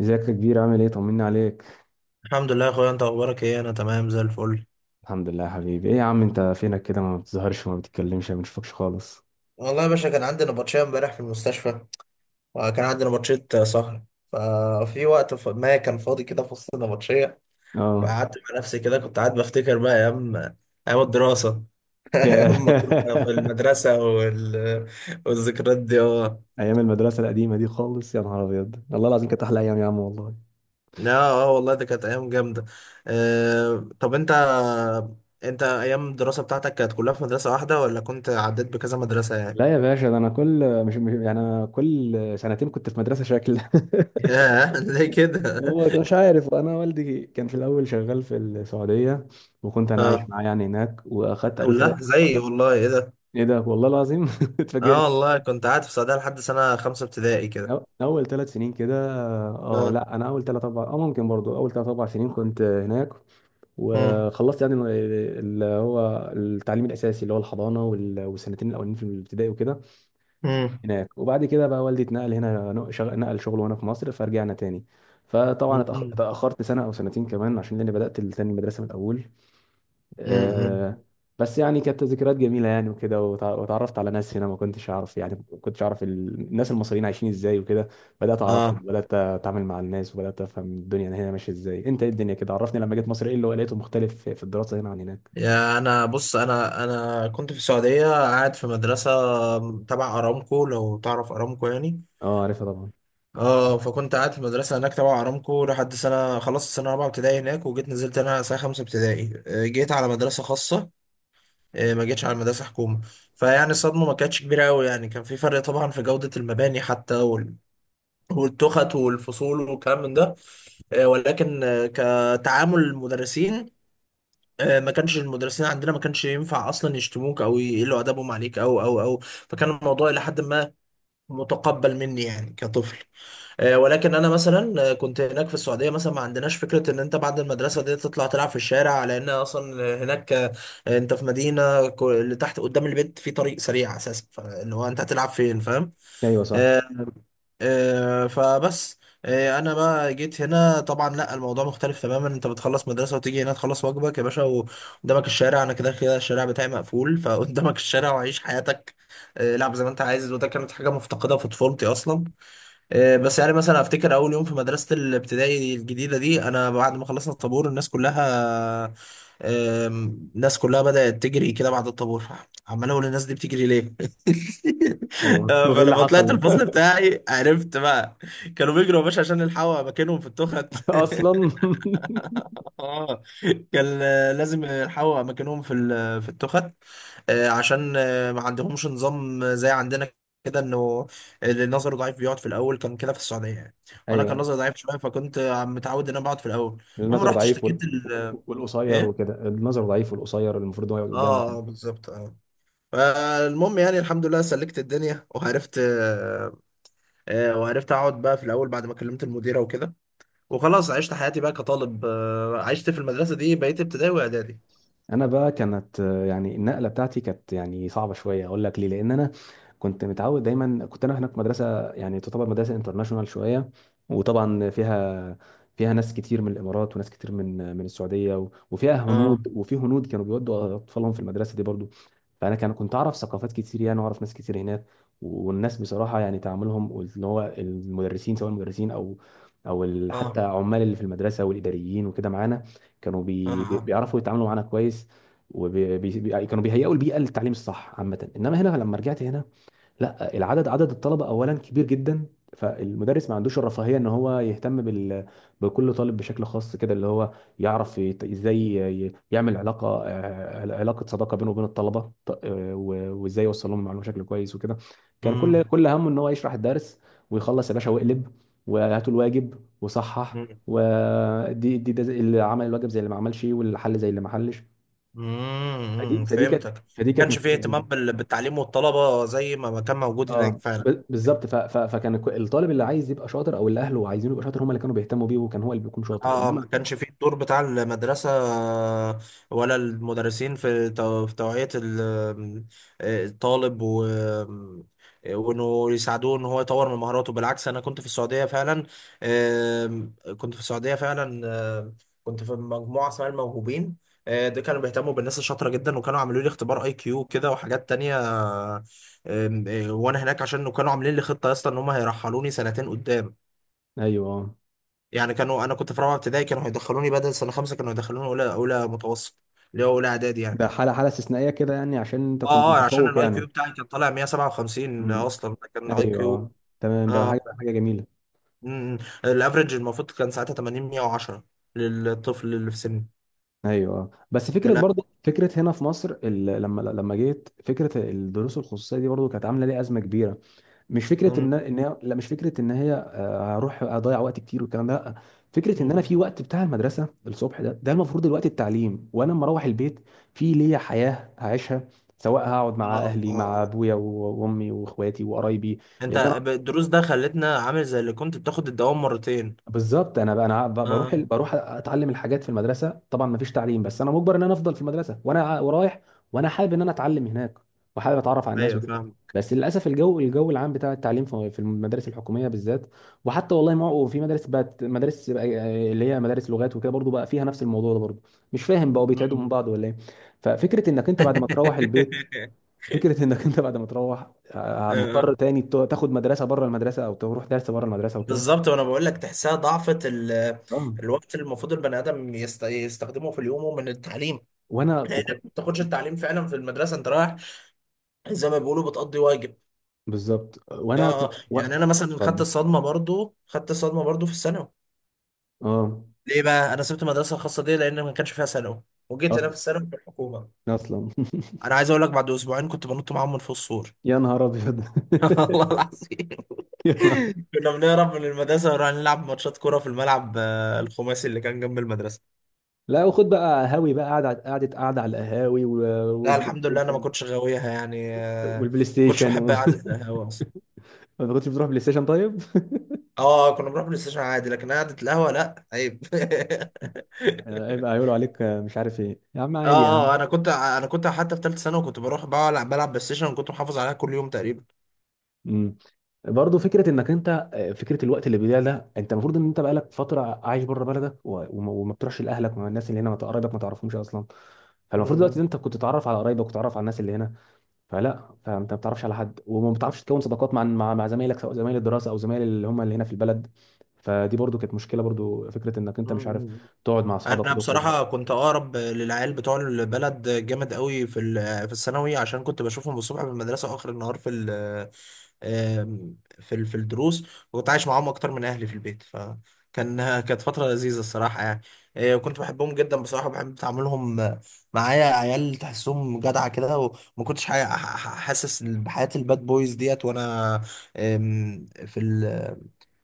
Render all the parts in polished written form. ازيك يا كبير، عامل ايه؟ طمني عليك. الحمد لله يا اخويا، انت اخبارك ايه؟ انا تمام زي الفل. الحمد لله يا حبيبي. ايه يا عم، انت فينك كده؟ ما بتظهرش وما بتتكلمش ما بنشوفكش خالص. والله يا باشا كان عندي نبطشية امبارح في المستشفى، وكان عندي نبطشية سهر. ففي وقت ما كان فاضي كده في وسط النبطشية، اه. فقعدت مع نفسي كده، كنت قاعد بفتكر بقى ايام، ايام الدراسة. ايام ما كنا في المدرسة والذكريات دي، اه. ايام المدرسه القديمه دي خالص، يا نهار ابيض! والله العظيم كانت احلى ايام يا عم والله. لا اه والله ده كانت ايام جامده. أه، طب انت، انت ايام الدراسه بتاعتك كانت كلها في مدرسه واحده، ولا كنت عديت بكذا مدرسه يعني؟ لا يا باشا، ده انا كل يعني انا كل سنتين كنت في مدرسه شكل. ياه، ليه كده؟ هو مش عارف، انا والدي كان في الاول شغال في السعوديه، وكنت انا عايش اه، معاه يعني هناك، واخدت اول ثلاث. لا زي، والله ايه ده؟ ايه ده! والله العظيم. اه اتفاجئت. والله كنت قاعد في السعودية لحد سنة خمسة ابتدائي كده. اول 3 سنين كده. اه، اه. لا، انا اول ثلاث اربع ممكن برضو اول ثلاث اربع سنين كنت هناك. مم. وخلصت يعني اللي هو التعليم الاساسي اللي هو الحضانه والسنتين الاولين في الابتدائي وكده مم. هناك. وبعد كده بقى والدي اتنقل هنا، نقل شغله هنا في مصر، فرجعنا تاني. فطبعا مم. اتاخرت سنه او سنتين كمان عشان لاني بدات تاني المدرسه من الاول. مم. آه، بس يعني كانت ذكريات جميله يعني وكده، وتعرفت على ناس هنا ما كنتش اعرف، يعني ما كنتش اعرف الناس المصريين عايشين ازاي وكده. بدات اعرفهم، اه، بدات اتعامل مع الناس، وبدات افهم الدنيا هنا ماشيه ازاي. انت ايه الدنيا كده؟ عرفني، لما جيت مصر ايه اللي لقيته مختلف في الدراسه هنا عن هناك؟ يا انا بص، انا كنت في السعودية قاعد في مدرسة تبع ارامكو، لو تعرف ارامكو يعني. اه، عارفها طبعا. اه، فكنت قاعد في مدرسة هناك تبع ارامكو لحد سنة، خلصت سنة رابعة ابتدائي هناك، وجيت نزلت هنا سنة خمسة ابتدائي. جيت على مدرسة خاصة، ما جيتش على مدرسة حكومة. فيعني الصدمة ما كانتش كبيرة أوي يعني، كان في فرق طبعا في جودة المباني حتى، والتخت والفصول والكلام من ده. ولكن كتعامل المدرسين، ما كانش المدرسين عندنا ما كانش ينفع اصلا يشتموك او يقلوا ادبهم عليك او فكان الموضوع الى حد ما متقبل مني يعني كطفل. ولكن انا مثلا كنت هناك في السعوديه مثلا ما عندناش فكره ان انت بعد المدرسه دي تطلع تلعب في الشارع، لان اصلا هناك انت في اللي تحت قدام البيت في طريق سريع اساسا، فاللي هو انت هتلعب فين؟ فاهم؟ ايوه، صح. آه، آه، فبس آه، انا بقى جيت هنا طبعا لا، الموضوع مختلف تماما. انت بتخلص مدرسه وتيجي هنا تخلص واجبك يا باشا، وقدامك الشارع، انا كده كده الشارع بتاعي مقفول، فقدامك الشارع وعيش حياتك، لعب زي ما انت عايز. وده كانت حاجه مفتقده في طفولتي اصلا. بس يعني مثلا افتكر اول يوم في مدرسه الابتدائي الجديده دي، انا بعد ما خلصنا الطابور، الناس كلها، الناس كلها بدات تجري كده بعد الطابور، عمال اقول الناس دي بتجري ليه. ايوه. طب ايه اللي فلما طلعت حصل؟ الفصل بتاعي عرفت بقى، كانوا بيجروا يا باشا عشان يلحقوا اماكنهم في التخت. اصلا؟ اه، كان لازم يلحقوا اماكنهم في في التخت، عشان ما عندهمش نظام زي عندنا كده، انه اللي نظره ضعيف بيقعد في الاول، كان كده في السعوديه يعني. وانا كان ايوه. نظري ضعيف شويه، فكنت متعود ان انا بقعد في الاول. المهم النظر رحت ضعيف اشتكيت ال... آه، والقصير ايه وكده. النظر ضعيف والقصير المفروض هو يقعد اه، قدامه. بالظبط اه. فالمهم يعني الحمد لله سلكت الدنيا وعرفت، وعرفت اقعد بقى في الاول بعد ما كلمت المديره وكده، وخلاص عشت حياتي بقى كطالب، عشت في المدرسه دي بقيت ابتدائي واعدادي. انا بقى كانت يعني النقله بتاعتي كانت يعني صعبه شويه. اقول لك ليه؟ لان انا كنت متعود دايما، كنت انا هناك في مدرسه يعني تعتبر مدرسه انترناشونال شويه، وطبعا فيها ناس كتير من الامارات، وناس كتير من السعوديه، وفيها اه هنود، وفي هنود كانوا بيودوا اطفالهم في المدرسه دي برضو. فانا كنت اعرف ثقافات كتير يعني، واعرف ناس كتير هناك. والناس بصراحه يعني تعاملهم، واللي هو المدرسين، سواء المدرسين او او حتى اه عمال اللي في المدرسه والاداريين وكده معانا، كانوا اه اه. بيعرفوا يتعاملوا معانا كويس، وكانوا بيهيئوا البيئه للتعليم الصح عامه. انما هنا لما رجعت هنا، لا، عدد الطلبه اولا كبير جدا. فالمدرس ما عندوش الرفاهيه ان هو يهتم بكل طالب بشكل خاص كده، اللي هو يعرف ازاي يعمل علاقه صداقه بينه وبين الطلبه، وازاي يوصل لهم المعلومه بشكل كويس وكده. كان كل امم. كل همه ان هو يشرح الدرس ويخلص يا باشا، واقلب وهاتوا الواجب وصحح. ودي دي ده زي- اللي عمل الواجب زي اللي ما عملش، واللي حل زي اللي ما حلش. فدي امم، فدي كانت فهمتك. ما فدي كانت كانش فيه مشكله اهتمام كبيرة. بالتعليم والطلبة زي ما ما كان موجود اه، هناك فعلا. بالظبط. فكان الطالب اللي عايز يبقى شاطر او اللي اهله عايزينه يبقى شاطر، هم اللي كانوا بيهتموا بيه، وكان هو اللي بيكون شاطر، اه، انما. ما كانش فيه الدور بتاع المدرسة ولا المدرسين في في توعية الطالب و وانه يساعدوه ان هو يطور من مهاراته. بالعكس، انا كنت في السعودية فعلا، كنت في السعودية فعلا، آم، كنت في مجموعة اسمها الموهوبين، ده كانوا بيهتموا بالناس الشاطرة جدا، وكانوا عاملوا لي اختبار اي كيو كده وحاجات تانية. آم، آه، وانا هناك عشان كانوا عاملين لي خطة يا اسطى ان هم هيرحلوني سنتين قدام. ايوه، آه. يعني كانوا، انا كنت في رابعه ابتدائي، كانوا هيدخلوني بدل سنه خمسه كانوا هيدخلوني اولى، اولى متوسط، اللي هو اولى اعدادي يعني. ده حاله استثنائيه كده يعني، عشان انت اه كنت اه، عشان متفوق الاي يعني. كيو بتاعي كان طالع 157 امم. اصلا، ده كان اي ايوه، كيو. آه. تمام، ده اه. حاجه جميله. أمم. الافرج المفروض كان ساعتها 80 110 للطفل اللي في سني. ايوه، آه. بس ده فكره، لا. برضه فكره هنا في مصر لما جيت، فكره الدروس الخصوصيه دي برضه كانت عامله لي ازمه كبيره. مش فكره أمم. ان هي، لا، مش فكره ان هي هروح اضيع وقت كتير والكلام ده، لا. فكره ان انا أمم. في وقت بتاع المدرسه الصبح ده المفروض الوقت التعليم، وانا لما اروح البيت في ليا حياه هعيشها، سواء هقعد اه مع اهلي اه مع اه، ابويا وامي واخواتي وقرايبي، انت لان انا. الدروس ده خلتنا عامل زي اللي كنت بتاخد الدوام مرتين. بالظبط. انا بقى انا اه آه. بروح اتعلم الحاجات في المدرسه طبعا ما فيش تعليم، بس انا مجبر ان انا افضل في المدرسه وانا ورايح، وانا حابب ان انا اتعلم هناك، وحابب اتعرف على الناس ايوه وكده. فاهم. بس للاسف الجو الجو العام بتاع التعليم في المدارس الحكوميه بالذات، وحتى والله ما هو في مدارس، بقت مدارس بقى اللي هي مدارس لغات وكده برضو بقى فيها نفس الموضوع ده برضو. مش فاهم بقوا بيتعدوا من أمم. بعض ولا ايه؟ ففكره انك انت بعد ما تروح البيت، فكره انك انت بعد ما تروح آه. آه. مضطر تاني تاخد مدرسه بره المدرسه او تروح درس بره المدرسه وكده. بالظبط، وانا بقول لك تحسها ضعفة آه. الوقت اللي المفروض البني ادم يستخدمه في اليوم من التعليم، وانا لانك ما بتاخدش التعليم فعلا في المدرسه، انت رايح زي ما بيقولوا بتقضي واجب. بالظبط. اه وانا آه. يعني انا مثلا خدت اتفضل. الصدمه برضو، خدت الصدمه برضو في الثانوي. اه. ليه بقى انا سبت المدرسه الخاصه دي؟ لان ما كانش فيها ثانوي، وجيت انا اصلا. في الثانوي في الحكومه. اصلا. انا عايز اقول لك بعد اسبوعين كنت بنط معاهم من فوق السور. يا نهار ابيض. والله العظيم. يا نهار. كنا بنهرب من المدرسه ونروح نلعب ماتشات كوره في الملعب، الخماسي اللي كان جنب المدرسه. لا، وخد بقى، هاوي بقى قاعده قاعده قاعده على القهاوي لا والبلاي الحمد لله انا ما ستيشن. كنتش غاويها يعني، ما والبلاي كنتش ستيشن بحب و... قعده القهوه اصلا. ما كنتش بتروح بلاي ستيشن طيب؟ اه، كنا بنروح بلاي ستيشن عادي، لكن قعده القهوه لا عيب. هيبقى هيقولوا عليك، مش عارف ايه يا عم، اه عادي يا اه، عم. انا كنت حتى في ثالثه ثانوي كنت بروح بقى بلعب بلاي ستيشن، وكنت محافظ عليها كل يوم تقريبا. امم برضه فكره انك انت، فكره الوقت اللي بيضيع ده، انت المفروض ان انت بقالك فتره عايش بره بلدك، وما بتروحش لاهلك، مع الناس اللي هنا، ما قرايبك ما تعرفهمش اصلا. فالمفروض دلوقتي إن م- انت كنت تتعرف على قرايبك وتتعرف على الناس اللي هنا. فلا، فانت ما بتعرفش على حد، وما بتعرفش تكون صداقات مع زمايلك، سواء زمايل الدراسه او زمايل اللي هم اللي هنا في البلد. فدي برضو كانت مشكله، برضو فكره انك م- انت مش عارف م- تقعد مع اصحابك انا وتخرج. بصراحه كنت اقرب للعيال بتوع البلد جامد قوي في الثانوي، عشان كنت بشوفهم الصبح في المدرسه واخر النهار في ال، في الدروس، وكنت عايش معاهم اكتر من اهلي في البيت، فكان كانت فتره لذيذه الصراحه يعني. وكنت بحبهم جدا بصراحه، بحب تعاملهم معايا. عيال تحسهم جدعه كده، وما كنتش حاسس بحياه الباد بويز ديت. وانا آم، في ال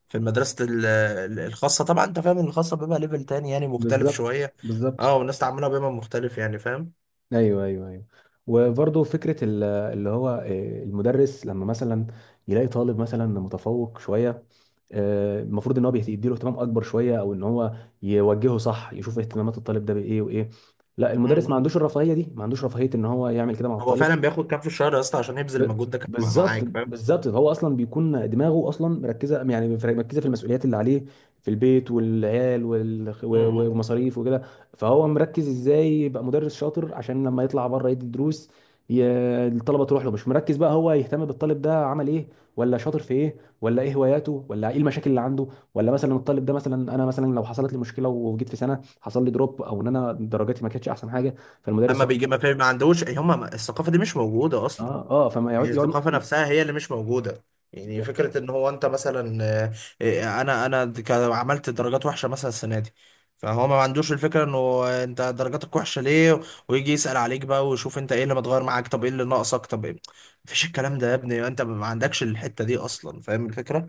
في المدرسة الخاصة طبعا انت فاهم ان الخاصة بيبقى ليفل تاني يعني مختلف بالظبط، شوية. بالظبط. اه، والناس تعاملها بيبقى مختلف يعني، فاهم؟ ايوه، ايوه، ايوه. وبرضو فكره اللي هو المدرس لما مثلا يلاقي طالب مثلا متفوق شويه، المفروض ان هو يديله اهتمام اكبر شويه، او ان هو يوجهه صح، يشوف اهتمامات الطالب ده بايه وايه. لا، م- المدرس ما م. عندوش الرفاهيه دي، ما عندوش رفاهيه ان هو يعمل كده مع هو الطالب. فعلا بياخد كام في الشهر يا اسطى عشان يبذل ب- المجهود ده كان بالظبط، معاك؟ فاهم؟ بالظبط. هو اصلا بيكون دماغه اصلا مركزه، يعني مركزه في المسؤوليات اللي عليه في البيت والعيال م- م. ومصاريف وكده. فهو مركز ازاي يبقى مدرس شاطر، عشان لما يطلع بره يدي دروس، ي- الطلبه تروح له، مش مركز بقى هو يهتم بالطالب ده عمل ايه، ولا شاطر في ايه، ولا ايه هواياته، ولا ايه المشاكل اللي عنده، ولا مثلا الطالب ده مثلا، انا مثلا لو حصلت لي مشكله وجيت في سنه حصل لي دروب، او ان انا درجاتي ما كانتش احسن حاجه، فالمدرس اما يقعد. بيجي ما فاهم، ما عندوش هم، الثقافة دي مش موجودة اصلا. اه، اه، فما هي يقعد يقعد. الثقافة نفسها هي اللي مش موجودة. يعني فكرة ان هو انت مثلا انا انا عملت درجات وحشة مثلا السنة دي، فهو ما عندوش الفكرة انه انت درجاتك وحشة ليه، ويجي يسأل عليك بقى ويشوف انت ايه اللي متغير معاك، طب ايه اللي ناقصك، طب ايه؟ مفيش الكلام ده يا ابني، انت ما عندكش الحتة دي اصلا، فاهم الفكرة؟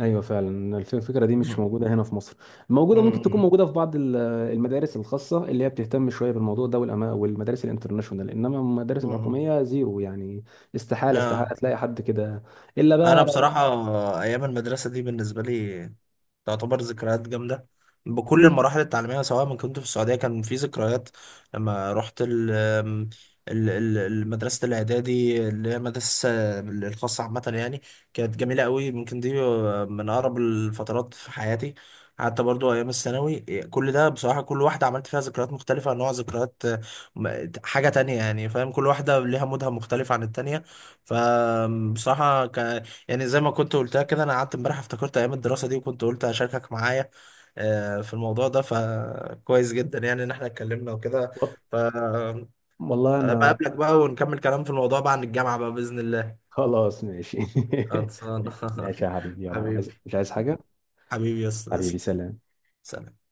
ايوه، فعلا الفكره دي مش مم. موجوده هنا في مصر. موجوده، ممكن تكون مم. موجوده في بعض المدارس الخاصه اللي هي بتهتم شويه بالموضوع ده، والمدارس الانترناشونال. انما المدارس مم. الحكوميه زيرو يعني، استحاله استحاله آه. تلاقي حد كده الا انا بقى. بصراحة ايام المدرسة دي بالنسبة لي تعتبر ذكريات جامدة، بكل المراحل التعليمية، سواء ما كنت في السعودية كان في ذكريات، لما رحت المدرسة الإعدادي، اللي هي المدرسة الخاصة عامة يعني، كانت جميلة قوي. يمكن دي من أقرب الفترات في حياتي. حتى برضو أيام الثانوي، كل ده بصراحة كل واحدة عملت فيها ذكريات مختلفة، نوع ذكريات حاجة تانية يعني، فاهم؟ كل واحدة ليها مودها مختلف عن التانية. فبصراحة يعني زي ما كنت قلتها كده، انا قعدت امبارح افتكرت ايام الدراسه دي، وكنت قلت اشاركك معايا في الموضوع ده. فكويس جدا يعني ان احنا اتكلمنا وكده. و- فبقابلك والله انا، بقى ونكمل كلام في الموضوع بعد الجامعه بقى باذن الله. خلاص ماشي. خلصان. ماشي يا حبيبي، يلا، عايز حبيبي، مش عايز حاجه؟ حبيبي يا استاذ. حبيبي، سلام. سلام.